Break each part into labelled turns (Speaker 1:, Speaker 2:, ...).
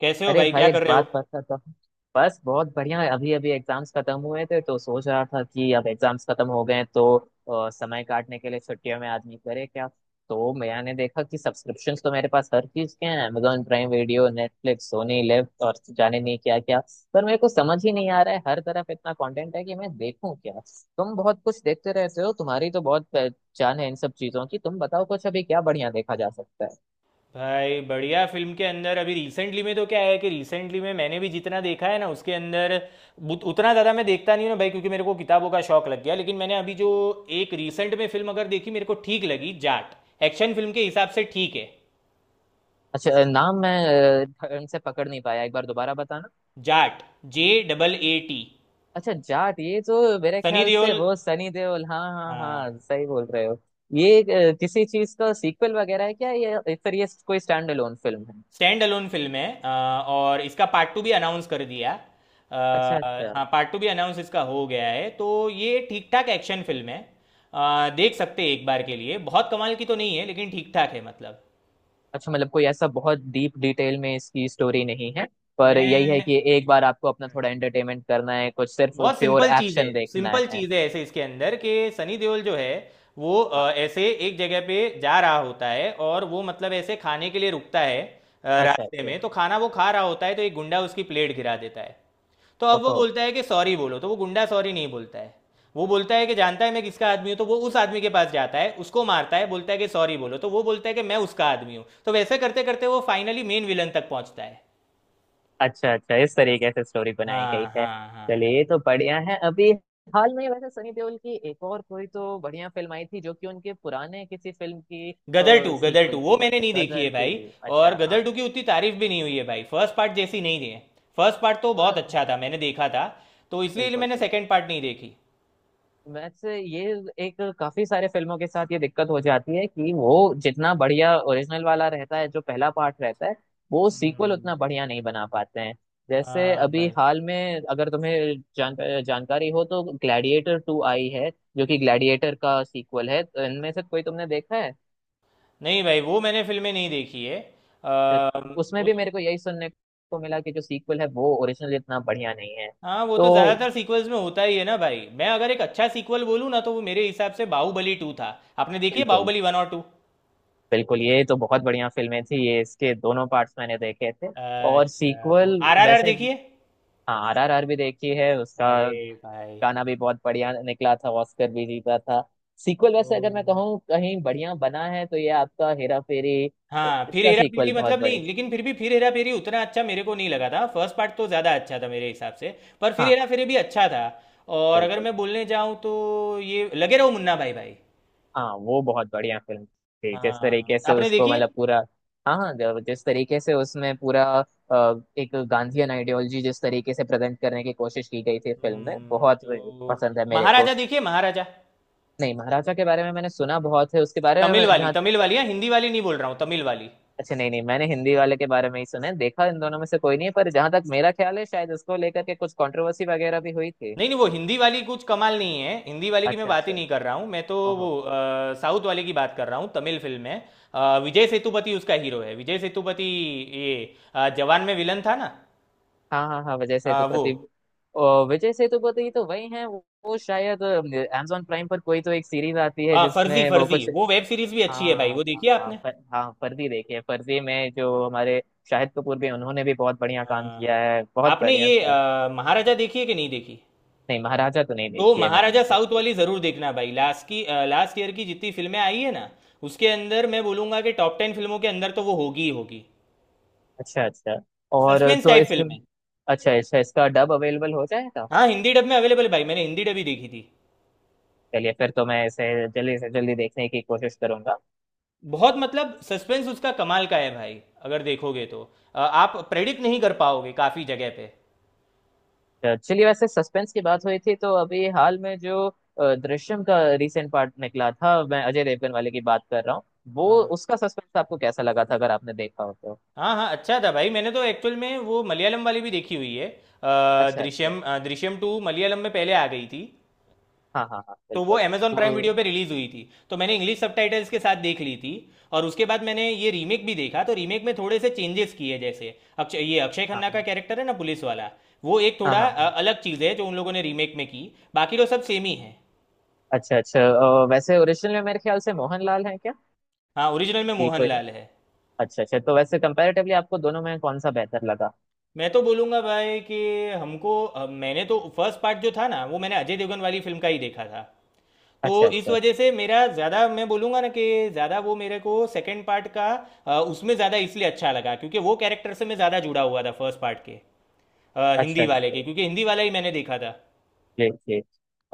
Speaker 1: कैसे हो
Speaker 2: अरे
Speaker 1: भाई?
Speaker 2: भाई,
Speaker 1: क्या
Speaker 2: एक
Speaker 1: कर रहे हो?
Speaker 2: बात बताता हूँ। बस बहुत बढ़िया है। अभी अभी एग्जाम्स खत्म हुए थे, तो सोच रहा था कि अब एग्जाम्स खत्म हो गए हैं, तो समय काटने के लिए छुट्टियों में आदमी करे क्या। तो मैंने देखा कि सब्सक्रिप्शंस तो मेरे पास हर चीज के हैं, Amazon Prime Video, Netflix, Sony LIV और जाने नहीं क्या क्या। पर मेरे को समझ ही नहीं आ रहा है, हर तरफ इतना कंटेंट है कि मैं देखूं क्या। तुम बहुत कुछ देखते रहते हो, तुम्हारी तो बहुत पहचान है इन सब चीजों की। तुम बताओ कुछ, अभी क्या बढ़िया देखा जा सकता है।
Speaker 1: भाई बढ़िया फिल्म के अंदर अभी रिसेंटली में तो क्या है कि रिसेंटली में मैंने भी जितना देखा है ना उसके अंदर उतना ज़्यादा मैं देखता नहीं हूँ ना भाई, क्योंकि मेरे को किताबों का शौक लग गया। लेकिन मैंने अभी जो एक रिसेंट में फिल्म अगर देखी मेरे को ठीक लगी, जाट। एक्शन फिल्म के हिसाब से ठीक है।
Speaker 2: अच्छा, नाम मैं ढंग से पकड़ नहीं पाया, एक बार दोबारा बताना।
Speaker 1: जाट। JAAT।
Speaker 2: अच्छा, जाट। ये तो मेरे
Speaker 1: सनी
Speaker 2: ख्याल से
Speaker 1: देओल।
Speaker 2: वो सनी देओल। हाँ हाँ
Speaker 1: हाँ।
Speaker 2: हाँ, सही बोल रहे हो। ये किसी चीज का सीक्वल वगैरह है क्या ये, या फिर ये कोई स्टैंड अलोन फिल्म है।
Speaker 1: स्टैंड अलोन फिल्म है। और इसका पार्ट टू भी अनाउंस कर दिया।
Speaker 2: अच्छा अच्छा।
Speaker 1: हाँ, पार्ट टू भी अनाउंस इसका हो गया है, तो ये ठीक ठाक एक्शन फिल्म है। देख सकते हैं एक बार के लिए। बहुत कमाल की तो नहीं है, लेकिन ठीक ठाक है, मतलब
Speaker 2: अच्छा, मतलब कोई ऐसा बहुत डीप डिटेल में इसकी स्टोरी नहीं है, पर यही है
Speaker 1: मैं,
Speaker 2: कि एक बार आपको अपना थोड़ा एंटरटेनमेंट करना है, कुछ सिर्फ
Speaker 1: बहुत
Speaker 2: प्योर
Speaker 1: सिंपल चीज है।
Speaker 2: एक्शन देखना
Speaker 1: सिंपल
Speaker 2: है।
Speaker 1: चीज है ऐसे इसके अंदर कि सनी देओल जो है वो
Speaker 2: हाँ।
Speaker 1: ऐसे एक जगह पे जा रहा होता है, और वो मतलब ऐसे खाने के लिए रुकता है।
Speaker 2: अच्छा
Speaker 1: रास्ते
Speaker 2: अच्छा।
Speaker 1: में तो खाना वो खा रहा होता है, तो एक गुंडा उसकी प्लेट गिरा देता है। तो अब वो
Speaker 2: ओहो।
Speaker 1: बोलता है कि सॉरी बोलो, तो वो गुंडा सॉरी नहीं बोलता है। वो बोलता है कि जानता है मैं किसका आदमी हूँ, तो वो उस आदमी के पास जाता है, उसको मारता है, बोलता है कि सॉरी बोलो, तो वो बोलता है कि मैं उसका आदमी हूँ, तो वैसे करते करते वो फाइनली मेन विलन तक पहुंचता है।
Speaker 2: अच्छा अच्छा, इस तरीके से स्टोरी बनाई गई
Speaker 1: हाँ
Speaker 2: है।
Speaker 1: हाँ हाँ।
Speaker 2: चलिए, ये तो बढ़िया है। अभी हाल में वैसे सनी देओल की एक और कोई तो बढ़िया फिल्म आई थी, जो कि उनके पुराने किसी फिल्म की
Speaker 1: Gadar two, Gadar two
Speaker 2: sequel
Speaker 1: वो
Speaker 2: थी।
Speaker 1: मैंने नहीं देखी है
Speaker 2: गदर
Speaker 1: भाई।
Speaker 2: टू,
Speaker 1: और
Speaker 2: अच्छा हाँ।
Speaker 1: गदर टू की उतनी तारीफ भी नहीं हुई है भाई, फर्स्ट पार्ट जैसी नहीं है। फर्स्ट पार्ट तो
Speaker 2: हाँ
Speaker 1: बहुत
Speaker 2: हाँ
Speaker 1: अच्छा
Speaker 2: हाँ।
Speaker 1: था, मैंने देखा था। तो इसलिए
Speaker 2: बिल्कुल
Speaker 1: मैंने
Speaker 2: बिल्कुल।
Speaker 1: सेकंड पार्ट नहीं देखी।
Speaker 2: वैसे ये एक, काफी सारे फिल्मों के साथ ये दिक्कत हो जाती है कि वो जितना बढ़िया ओरिजिनल वाला रहता है, जो पहला पार्ट रहता है, वो सीक्वल
Speaker 1: हम्म।
Speaker 2: उतना बढ़िया नहीं बना पाते हैं। जैसे
Speaker 1: हाँ
Speaker 2: अभी
Speaker 1: भाई।
Speaker 2: हाल में, अगर तुम्हें जानकारी हो तो ग्लैडिएटर टू आई है, जो कि ग्लैडिएटर का सीक्वल है, तो इनमें से कोई तुमने देखा है।
Speaker 1: नहीं भाई, वो मैंने फिल्में नहीं देखी है। अ,
Speaker 2: तो उसमें
Speaker 1: वो
Speaker 2: भी
Speaker 1: तो,
Speaker 2: मेरे को यही सुनने को मिला कि जो सीक्वल है वो ओरिजिनल इतना बढ़िया नहीं है।
Speaker 1: हाँ वो
Speaker 2: तो
Speaker 1: तो ज्यादातर सीक्वल्स में होता ही है ना भाई, मैं अगर एक अच्छा सीक्वल बोलूँ ना तो वो मेरे हिसाब से बाहुबली टू था। आपने देखी है
Speaker 2: बिल्कुल
Speaker 1: बाहुबली वन और टू?
Speaker 2: बिल्कुल, ये तो बहुत बढ़िया फिल्में थी ये, इसके दोनों पार्ट्स मैंने देखे थे। और
Speaker 1: अच्छा, तो
Speaker 2: सीक्वल
Speaker 1: RRR
Speaker 2: वैसे,
Speaker 1: देखिए।
Speaker 2: हाँ RRR भी देखी है उसका।
Speaker 1: अरे भाई,
Speaker 2: गाना भी बहुत बढ़िया निकला था, ऑस्कर भी जीता था। सीक्वल वैसे
Speaker 1: तो,
Speaker 2: अगर मैं कहूँ कहीं बढ़िया बना है तो ये आपका हेरा फेरी,
Speaker 1: हाँ फिर
Speaker 2: इसका
Speaker 1: हेरा
Speaker 2: सीक्वल
Speaker 1: फेरी
Speaker 2: बहुत
Speaker 1: मतलब नहीं,
Speaker 2: बढ़िया।
Speaker 1: लेकिन फिर भी फिर हेरा फेरी उतना अच्छा मेरे को नहीं लगा था। फर्स्ट पार्ट तो ज़्यादा अच्छा था मेरे हिसाब से। पर फिर
Speaker 2: हाँ।
Speaker 1: हेरा फेरी भी अच्छा था। और अगर
Speaker 2: बिल्कुल।
Speaker 1: मैं बोलने जाऊँ तो ये लगे रहो मुन्ना भाई, भाई।
Speaker 2: हाँ, वो बहुत बढ़िया फिल्म थी, जिस तरीके
Speaker 1: हाँ,
Speaker 2: से
Speaker 1: आपने
Speaker 2: उसको
Speaker 1: देखी है?
Speaker 2: मतलब पूरा, हाँ जिस तरीके से उसमें पूरा एक गांधीयन आइडियोलॉजी जिस तरीके से प्रेजेंट करने की कोशिश की गई थी फिल्म में, बहुत
Speaker 1: तो
Speaker 2: पसंद है मेरे को।
Speaker 1: महाराजा देखिए, महाराजा।
Speaker 2: नहीं, महाराजा के बारे में मैंने सुना बहुत है, उसके बारे में
Speaker 1: तमिल वाली,
Speaker 2: जहाँ।
Speaker 1: तमिल वाली है, हिंदी वाली नहीं बोल रहा हूँ, तमिल वाली।
Speaker 2: अच्छा, नहीं नहीं, मैंने हिंदी वाले के बारे में ही सुना है, देखा इन दोनों में से कोई नहीं है, पर जहां तक मेरा ख्याल है शायद उसको लेकर के कुछ कंट्रोवर्सी वगैरह भी हुई थी।
Speaker 1: नहीं नहीं, वो हिंदी वाली कुछ कमाल नहीं है। हिंदी वाली की मैं
Speaker 2: अच्छा
Speaker 1: बात ही
Speaker 2: अच्छा।
Speaker 1: नहीं कर रहा हूँ, मैं तो
Speaker 2: ओहो।
Speaker 1: वो साउथ वाले की बात कर रहा हूँ, तमिल फिल्म है। विजय सेतुपति उसका हीरो है, विजय सेतुपति। ये जवान में विलन था ना।
Speaker 2: हाँ हाँ हाँ, विजय
Speaker 1: वो,
Speaker 2: सेतुपति। ओ, विजय सेतुपति तो वही हैं। वो शायद अमेजोन प्राइम पर कोई तो एक सीरीज आती है
Speaker 1: हाँ फर्जी,
Speaker 2: जिसमें वो
Speaker 1: फर्जी
Speaker 2: कुछ,
Speaker 1: वो वेब सीरीज भी अच्छी है भाई,
Speaker 2: हाँ
Speaker 1: वो
Speaker 2: हाँ
Speaker 1: देखी है
Speaker 2: हाँ,
Speaker 1: आपने?
Speaker 2: पर, हाँ फर्जी। देखिए फर्जी में जो हमारे शाहिद कपूर, भी उन्होंने भी बहुत बढ़िया काम
Speaker 1: हाँ हाँ।
Speaker 2: किया है, बहुत
Speaker 1: आपने
Speaker 2: बढ़िया
Speaker 1: ये
Speaker 2: था।
Speaker 1: महाराजा देखी है कि नहीं देखी?
Speaker 2: नहीं, महाराजा तो नहीं
Speaker 1: तो
Speaker 2: देखी है मैंने
Speaker 1: महाराजा
Speaker 2: तो।
Speaker 1: साउथ वाली जरूर देखना भाई। लास्ट ईयर की जितनी फिल्में आई है ना उसके अंदर मैं बोलूंगा कि टॉप 10 फिल्मों के अंदर तो वो होगी ही होगी।
Speaker 2: अच्छा अच्छा। और
Speaker 1: सस्पेंस
Speaker 2: तो
Speaker 1: टाइप
Speaker 2: इसका,
Speaker 1: फिल्म है।
Speaker 2: अच्छा अच्छा, इसका डब अवेलेबल हो जाएगा।
Speaker 1: हाँ, हिंदी डब में अवेलेबल है भाई, मैंने हिंदी डब ही देखी थी।
Speaker 2: चलिए, फिर तो मैं इसे जल्दी से जल्दी देखने की कोशिश करूंगा।
Speaker 1: बहुत मतलब सस्पेंस उसका कमाल का है भाई, अगर देखोगे तो आप प्रेडिक्ट नहीं कर पाओगे काफ़ी जगह पे।
Speaker 2: चलिए, वैसे सस्पेंस की बात हुई थी, तो अभी हाल में जो दृश्यम का रिसेंट पार्ट निकला था, मैं अजय देवगन वाले की बात कर रहा हूँ, वो
Speaker 1: हाँ
Speaker 2: उसका सस्पेंस आपको कैसा लगा था, अगर आपने देखा हो तो।
Speaker 1: हाँ हाँ। अच्छा था भाई, मैंने तो एक्चुअल में वो मलयालम वाली भी देखी हुई है।
Speaker 2: अच्छा अच्छा।
Speaker 1: दृश्यम, दृश्यम टू मलयालम में पहले आ गई थी।
Speaker 2: हाँ हाँ हाँ,
Speaker 1: तो वो
Speaker 2: बिल्कुल।
Speaker 1: अमेजॉन प्राइम वीडियो
Speaker 2: तो
Speaker 1: पे रिलीज हुई थी। तो मैंने इंग्लिश सबटाइटल्स के साथ देख ली थी। और उसके बाद मैंने ये रीमेक भी देखा, तो रीमेक में थोड़े से चेंजेस किए, जैसे अक्षय, ये अक्षय
Speaker 2: हाँ
Speaker 1: खन्ना का
Speaker 2: हाँ
Speaker 1: कैरेक्टर है ना, पुलिस वाला, वो एक
Speaker 2: हाँ
Speaker 1: थोड़ा
Speaker 2: हाँ हाँ।
Speaker 1: अलग चीज़ है जो उन लोगों ने रीमेक में की। बाकी तो सब सेम ही है।
Speaker 2: अच्छा अच्छा। वैसे ओरिजिनल में मेरे ख्याल से मोहनलाल है क्या,
Speaker 1: हाँ, ओरिजिनल में
Speaker 2: कि कोई,
Speaker 1: मोहनलाल है।
Speaker 2: अच्छा अच्छा। तो वैसे कंपैरेटिवली आपको दोनों में कौन सा बेहतर लगा।
Speaker 1: मैं तो बोलूँगा भाई कि हमको, मैंने तो फर्स्ट पार्ट जो था ना वो मैंने अजय देवगन वाली फिल्म का ही देखा था।
Speaker 2: अच्छा
Speaker 1: तो इस
Speaker 2: अच्छा।
Speaker 1: वजह से मेरा ज़्यादा, मैं बोलूँगा ना कि ज़्यादा वो मेरे को सेकंड पार्ट का उसमें ज़्यादा इसलिए अच्छा लगा क्योंकि वो कैरेक्टर से मैं ज़्यादा जुड़ा हुआ था फर्स्ट पार्ट के,
Speaker 2: अच्छा
Speaker 1: हिंदी वाले
Speaker 2: अच्छा।
Speaker 1: के, क्योंकि हिंदी वाला ही मैंने देखा था।
Speaker 2: जी जी।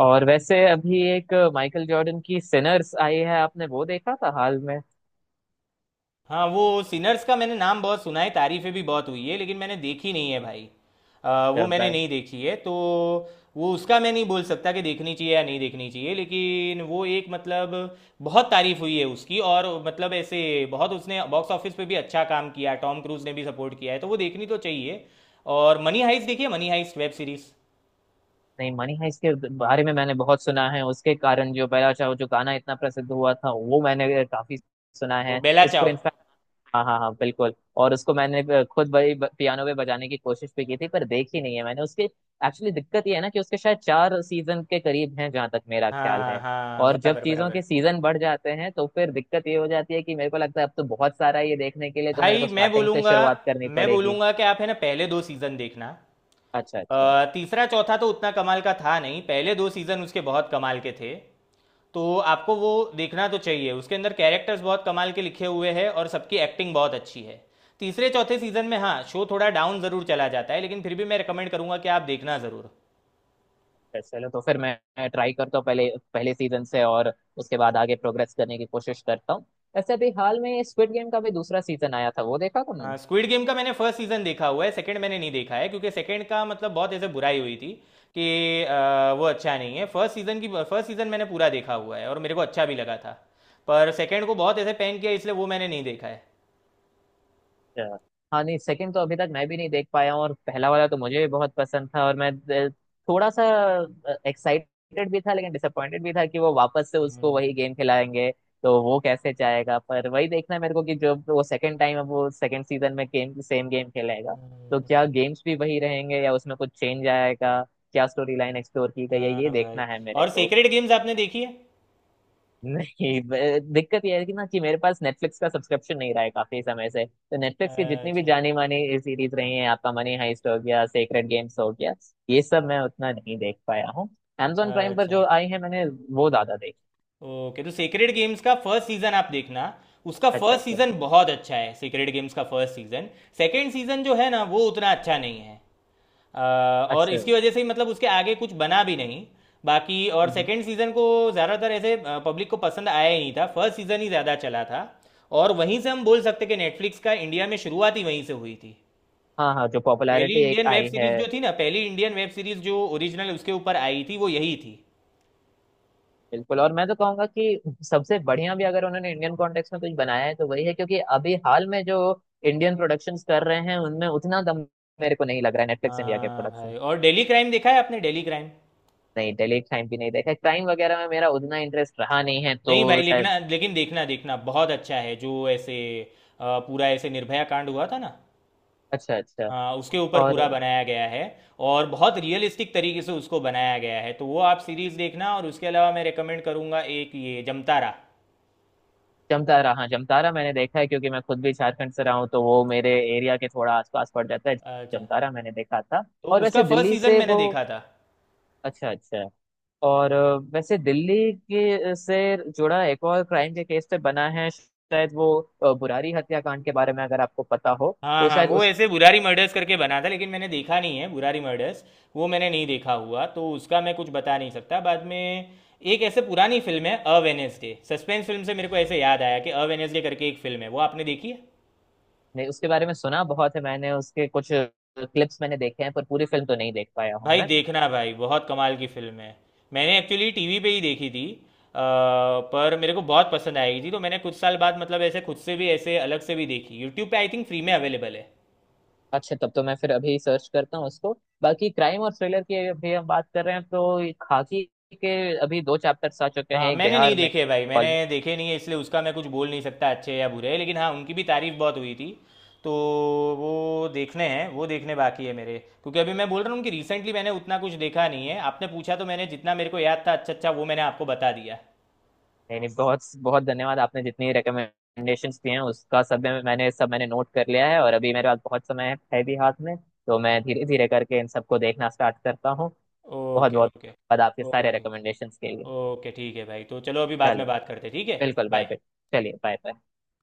Speaker 2: और वैसे अभी एक माइकल जॉर्डन की सिनर्स आई है, आपने वो देखा था हाल में।
Speaker 1: हाँ, वो सिनर्स का मैंने नाम बहुत सुना है, तारीफें भी बहुत हुई है, लेकिन मैंने देखी नहीं है भाई। वो मैंने
Speaker 2: बैट।
Speaker 1: नहीं देखी है, तो वो उसका मैं नहीं बोल सकता कि देखनी चाहिए या नहीं देखनी चाहिए, लेकिन वो एक मतलब, बहुत तारीफ हुई है उसकी, और मतलब ऐसे बहुत उसने बॉक्स ऑफिस पे भी अच्छा काम किया, टॉम क्रूज ने भी सपोर्ट किया है, तो वो देखनी तो चाहिए। और मनी हाइस्ट देखिए, मनी हाइस्ट वेब सीरीज।
Speaker 2: नहीं मनी है, इसके बारे में मैंने बहुत सुना है। उसके कारण जो पहला चाहो, जो गाना इतना प्रसिद्ध हुआ था, वो मैंने काफी सुना
Speaker 1: वो
Speaker 2: है
Speaker 1: बेला
Speaker 2: उसको,
Speaker 1: चाव।
Speaker 2: इनफैक्ट। हाँ हाँ हाँ, बिल्कुल, और उसको मैंने खुद बड़ी पियानो पे बजाने की कोशिश भी की थी, पर देखी नहीं है मैंने उसके। एक्चुअली दिक्कत ये है ना कि उसके शायद चार सीजन के करीब हैं, जहां तक मेरा ख्याल
Speaker 1: हाँ
Speaker 2: है।
Speaker 1: हाँ,
Speaker 2: और जब
Speaker 1: बराबर
Speaker 2: चीजों के
Speaker 1: बराबर।
Speaker 2: सीजन बढ़ जाते हैं, तो फिर दिक्कत ये हो जाती है कि मेरे को लगता है अब तो बहुत सारा है ये देखने के लिए, तो मेरे
Speaker 1: भाई
Speaker 2: को
Speaker 1: मैं
Speaker 2: स्टार्टिंग से
Speaker 1: बोलूँगा
Speaker 2: शुरुआत करनी
Speaker 1: मैं
Speaker 2: पड़ेगी।
Speaker 1: बोलूँगा कि आप है ना पहले दो सीज़न देखना।
Speaker 2: अच्छा अच्छा
Speaker 1: तीसरा चौथा तो उतना कमाल का था नहीं, पहले दो सीजन उसके बहुत कमाल के थे। तो आपको वो देखना तो चाहिए। उसके अंदर कैरेक्टर्स बहुत कमाल के लिखे हुए हैं, और सबकी एक्टिंग बहुत अच्छी है। तीसरे चौथे सीजन में हाँ शो थोड़ा डाउन ज़रूर चला जाता है, लेकिन फिर भी मैं रिकमेंड करूंगा कि आप देखना ज़रूर।
Speaker 2: है। चलो, तो फिर मैं ट्राई करता हूँ पहले, पहले सीजन से, और उसके बाद आगे प्रोग्रेस करने की कोशिश करता हूँ। ऐसे अभी हाल में स्क्विड गेम का भी दूसरा सीजन आया था, वो देखा तुमने।
Speaker 1: हाँ, स्क्विड गेम का मैंने फर्स्ट सीजन देखा हुआ है, सेकंड मैंने नहीं देखा है, क्योंकि सेकंड का मतलब बहुत ऐसे बुराई हुई थी कि वो अच्छा नहीं है। फर्स्ट सीजन मैंने पूरा देखा हुआ है और मेरे को अच्छा भी लगा था। पर सेकंड को बहुत ऐसे पैन किया, इसलिए वो मैंने नहीं देखा है।
Speaker 2: अच्छा। हाँ, नहीं सेकंड तो अभी तक मैं भी नहीं देख पाया हूँ, और पहला वाला तो मुझे भी बहुत पसंद था, और मैं अ, थोड़ा सा एक्साइटेड भी था, लेकिन डिसअपॉइंटेड भी था कि वो वापस से उसको वही
Speaker 1: हम्म,
Speaker 2: गेम खिलाएंगे। तो वो कैसे जाएगा। पर वही देखना है मेरे को कि जो वो सेकंड टाइम, अब वो सेकंड सीजन में गेम, सेम गेम खेलेगा, तो क्या गेम्स भी वही रहेंगे, या उसमें कुछ चेंज आएगा, क्या स्टोरी लाइन एक्सप्लोर की गई है, ये
Speaker 1: हाँ भाई।
Speaker 2: देखना है मेरे
Speaker 1: और
Speaker 2: को।
Speaker 1: सेक्रेड गेम्स आपने देखी है?
Speaker 2: नहीं, दिक्कत यह है कि ना कि मेरे पास नेटफ्लिक्स का सब्सक्रिप्शन नहीं रहा है काफी समय से, तो नेटफ्लिक्स की जितनी भी
Speaker 1: अच्छा
Speaker 2: जानी मानी सीरीज रही हैं, आपका मनी हाइस्ट हो गया, सेक्रेड गेम्स हो गया, ये सब मैं उतना नहीं देख पाया हूँ। Amazon प्राइम पर
Speaker 1: अच्छा।
Speaker 2: जो आई है मैंने, वो ज्यादा देखी।
Speaker 1: ओके, तो सेक्रेड गेम्स का फर्स्ट सीजन आप देखना। उसका
Speaker 2: अच्छा
Speaker 1: फर्स्ट
Speaker 2: अच्छा।
Speaker 1: सीजन बहुत अच्छा है, सेक्रेड गेम्स का फर्स्ट सीजन। सेकंड सीजन जो है ना वो उतना अच्छा नहीं है। अ, और
Speaker 2: अच्छा
Speaker 1: इसकी वजह से ही मतलब उसके आगे कुछ बना भी नहीं। बाकी और
Speaker 2: हम्म।
Speaker 1: सेकंड सीजन को ज़्यादातर ऐसे पब्लिक को पसंद आया ही नहीं था, फर्स्ट सीजन ही ज़्यादा चला था। और वहीं से हम बोल सकते कि नेटफ्लिक्स का इंडिया में शुरुआत ही वहीं से हुई थी।
Speaker 2: हाँ हाँ, जो
Speaker 1: पहली
Speaker 2: पॉपुलैरिटी एक
Speaker 1: इंडियन वेब
Speaker 2: आई है,
Speaker 1: सीरीज जो थी ना, पहली इंडियन वेब सीरीज जो ओरिजिनल उसके ऊपर आई थी वो यही थी।
Speaker 2: बिल्कुल। और मैं तो कहूंगा कि सबसे बढ़िया भी अगर उन्होंने इंडियन कॉन्टेक्स्ट में कुछ बनाया है तो वही है, क्योंकि अभी हाल में जो इंडियन प्रोडक्शंस कर रहे हैं उनमें उतना दम मेरे को नहीं लग रहा है, नेटफ्लिक्स इंडिया के
Speaker 1: हाँ
Speaker 2: प्रोडक्शन।
Speaker 1: भाई, और डेली क्राइम देखा है आपने, डेली क्राइम?
Speaker 2: नहीं, डेलीट टाइम भी नहीं देखा, क्राइम वगैरह में मेरा उतना इंटरेस्ट रहा नहीं है तो
Speaker 1: नहीं भाई, लिखना,
Speaker 2: शायद,
Speaker 1: लेकिन देखना देखना बहुत अच्छा है। जो ऐसे पूरा ऐसे निर्भया कांड हुआ था ना,
Speaker 2: अच्छा अच्छा।
Speaker 1: हाँ, उसके ऊपर
Speaker 2: और
Speaker 1: पूरा बनाया गया है, और बहुत रियलिस्टिक तरीके से उसको बनाया गया है, तो वो आप सीरीज देखना। और उसके अलावा मैं रेकमेंड करूँगा एक ये जमतारा।
Speaker 2: जमतारा, हाँ जमतारा मैंने देखा है, क्योंकि मैं खुद भी झारखंड से रहा हूँ तो वो मेरे एरिया के थोड़ा आसपास पड़ जाता है।
Speaker 1: अच्छा,
Speaker 2: जमतारा मैंने देखा था।
Speaker 1: तो
Speaker 2: और
Speaker 1: उसका
Speaker 2: वैसे
Speaker 1: फर्स्ट
Speaker 2: दिल्ली
Speaker 1: सीजन
Speaker 2: से
Speaker 1: मैंने
Speaker 2: वो,
Speaker 1: देखा था।
Speaker 2: अच्छा अच्छा। और वैसे दिल्ली के से जुड़ा एक और क्राइम के केस पे बना है, शायद वो बुरारी हत्याकांड के बारे में, अगर आपको पता हो
Speaker 1: हाँ
Speaker 2: तो
Speaker 1: हाँ,
Speaker 2: शायद
Speaker 1: वो
Speaker 2: उस,
Speaker 1: ऐसे बुरारी मर्डर्स करके बना था, लेकिन मैंने देखा नहीं है, बुरारी मर्डर्स वो मैंने नहीं देखा हुआ, तो उसका मैं कुछ बता नहीं सकता। बाद में, एक ऐसे पुरानी फिल्म है अ वेनेसडे, सस्पेंस फिल्म से मेरे को ऐसे याद आया कि अ वेनेसडे करके एक फिल्म है, वो आपने देखी है?
Speaker 2: नहीं, उसके बारे में सुना बहुत है मैंने, उसके कुछ क्लिप्स मैंने देखे हैं पर पूरी फिल्म तो नहीं देख पाया हूँ
Speaker 1: भाई
Speaker 2: मैं।
Speaker 1: देखना भाई, बहुत कमाल की फिल्म है। मैंने एक्चुअली टीवी पे ही देखी थी, अ, पर मेरे को बहुत पसंद आई थी, तो मैंने कुछ साल बाद मतलब ऐसे खुद से भी ऐसे अलग से भी देखी, यूट्यूब पे आई थिंक फ्री में अवेलेबल है।
Speaker 2: अच्छा, तब तो मैं फिर अभी सर्च करता हूँ उसको। बाकी क्राइम और थ्रिलर की अभी हम बात कर रहे हैं तो, ये खाकी के अभी दो चैप्टर्स आ चुके
Speaker 1: हाँ,
Speaker 2: हैं, एक
Speaker 1: मैंने नहीं
Speaker 2: बिहार में,
Speaker 1: देखे भाई, मैंने
Speaker 2: भोपाल में।
Speaker 1: देखे नहीं है, इसलिए उसका मैं कुछ बोल नहीं सकता अच्छे या बुरे, लेकिन हाँ उनकी भी तारीफ बहुत हुई थी। तो वो देखने हैं, वो देखने बाकी है मेरे। क्योंकि अभी मैं बोल रहा हूँ कि रिसेंटली मैंने उतना कुछ देखा नहीं है, आपने पूछा तो मैंने जितना मेरे को याद था अच्छा अच्छा वो मैंने आपको बता दिया।
Speaker 2: नहीं नहीं, बहुत बहुत धन्यवाद। आपने जितनी रिकमेंडेशंस दी हैं उसका सब मैंने सब, मैंने नोट कर लिया है, और अभी मेरे पास बहुत समय है भी हाथ में, तो मैं धीरे धीरे करके इन सबको देखना स्टार्ट करता हूँ। बहुत
Speaker 1: ओके
Speaker 2: बहुत
Speaker 1: ओके।
Speaker 2: धन्यवाद आपके सारे
Speaker 1: ओके
Speaker 2: रिकमेंडेशंस के लिए।
Speaker 1: ओके, ठीक है भाई, तो चलो अभी बाद में
Speaker 2: चलिए,
Speaker 1: बात करते हैं, ठीक है?
Speaker 2: बिल्कुल, बाय
Speaker 1: बाय।
Speaker 2: बाय। चलिए, बाय बाय।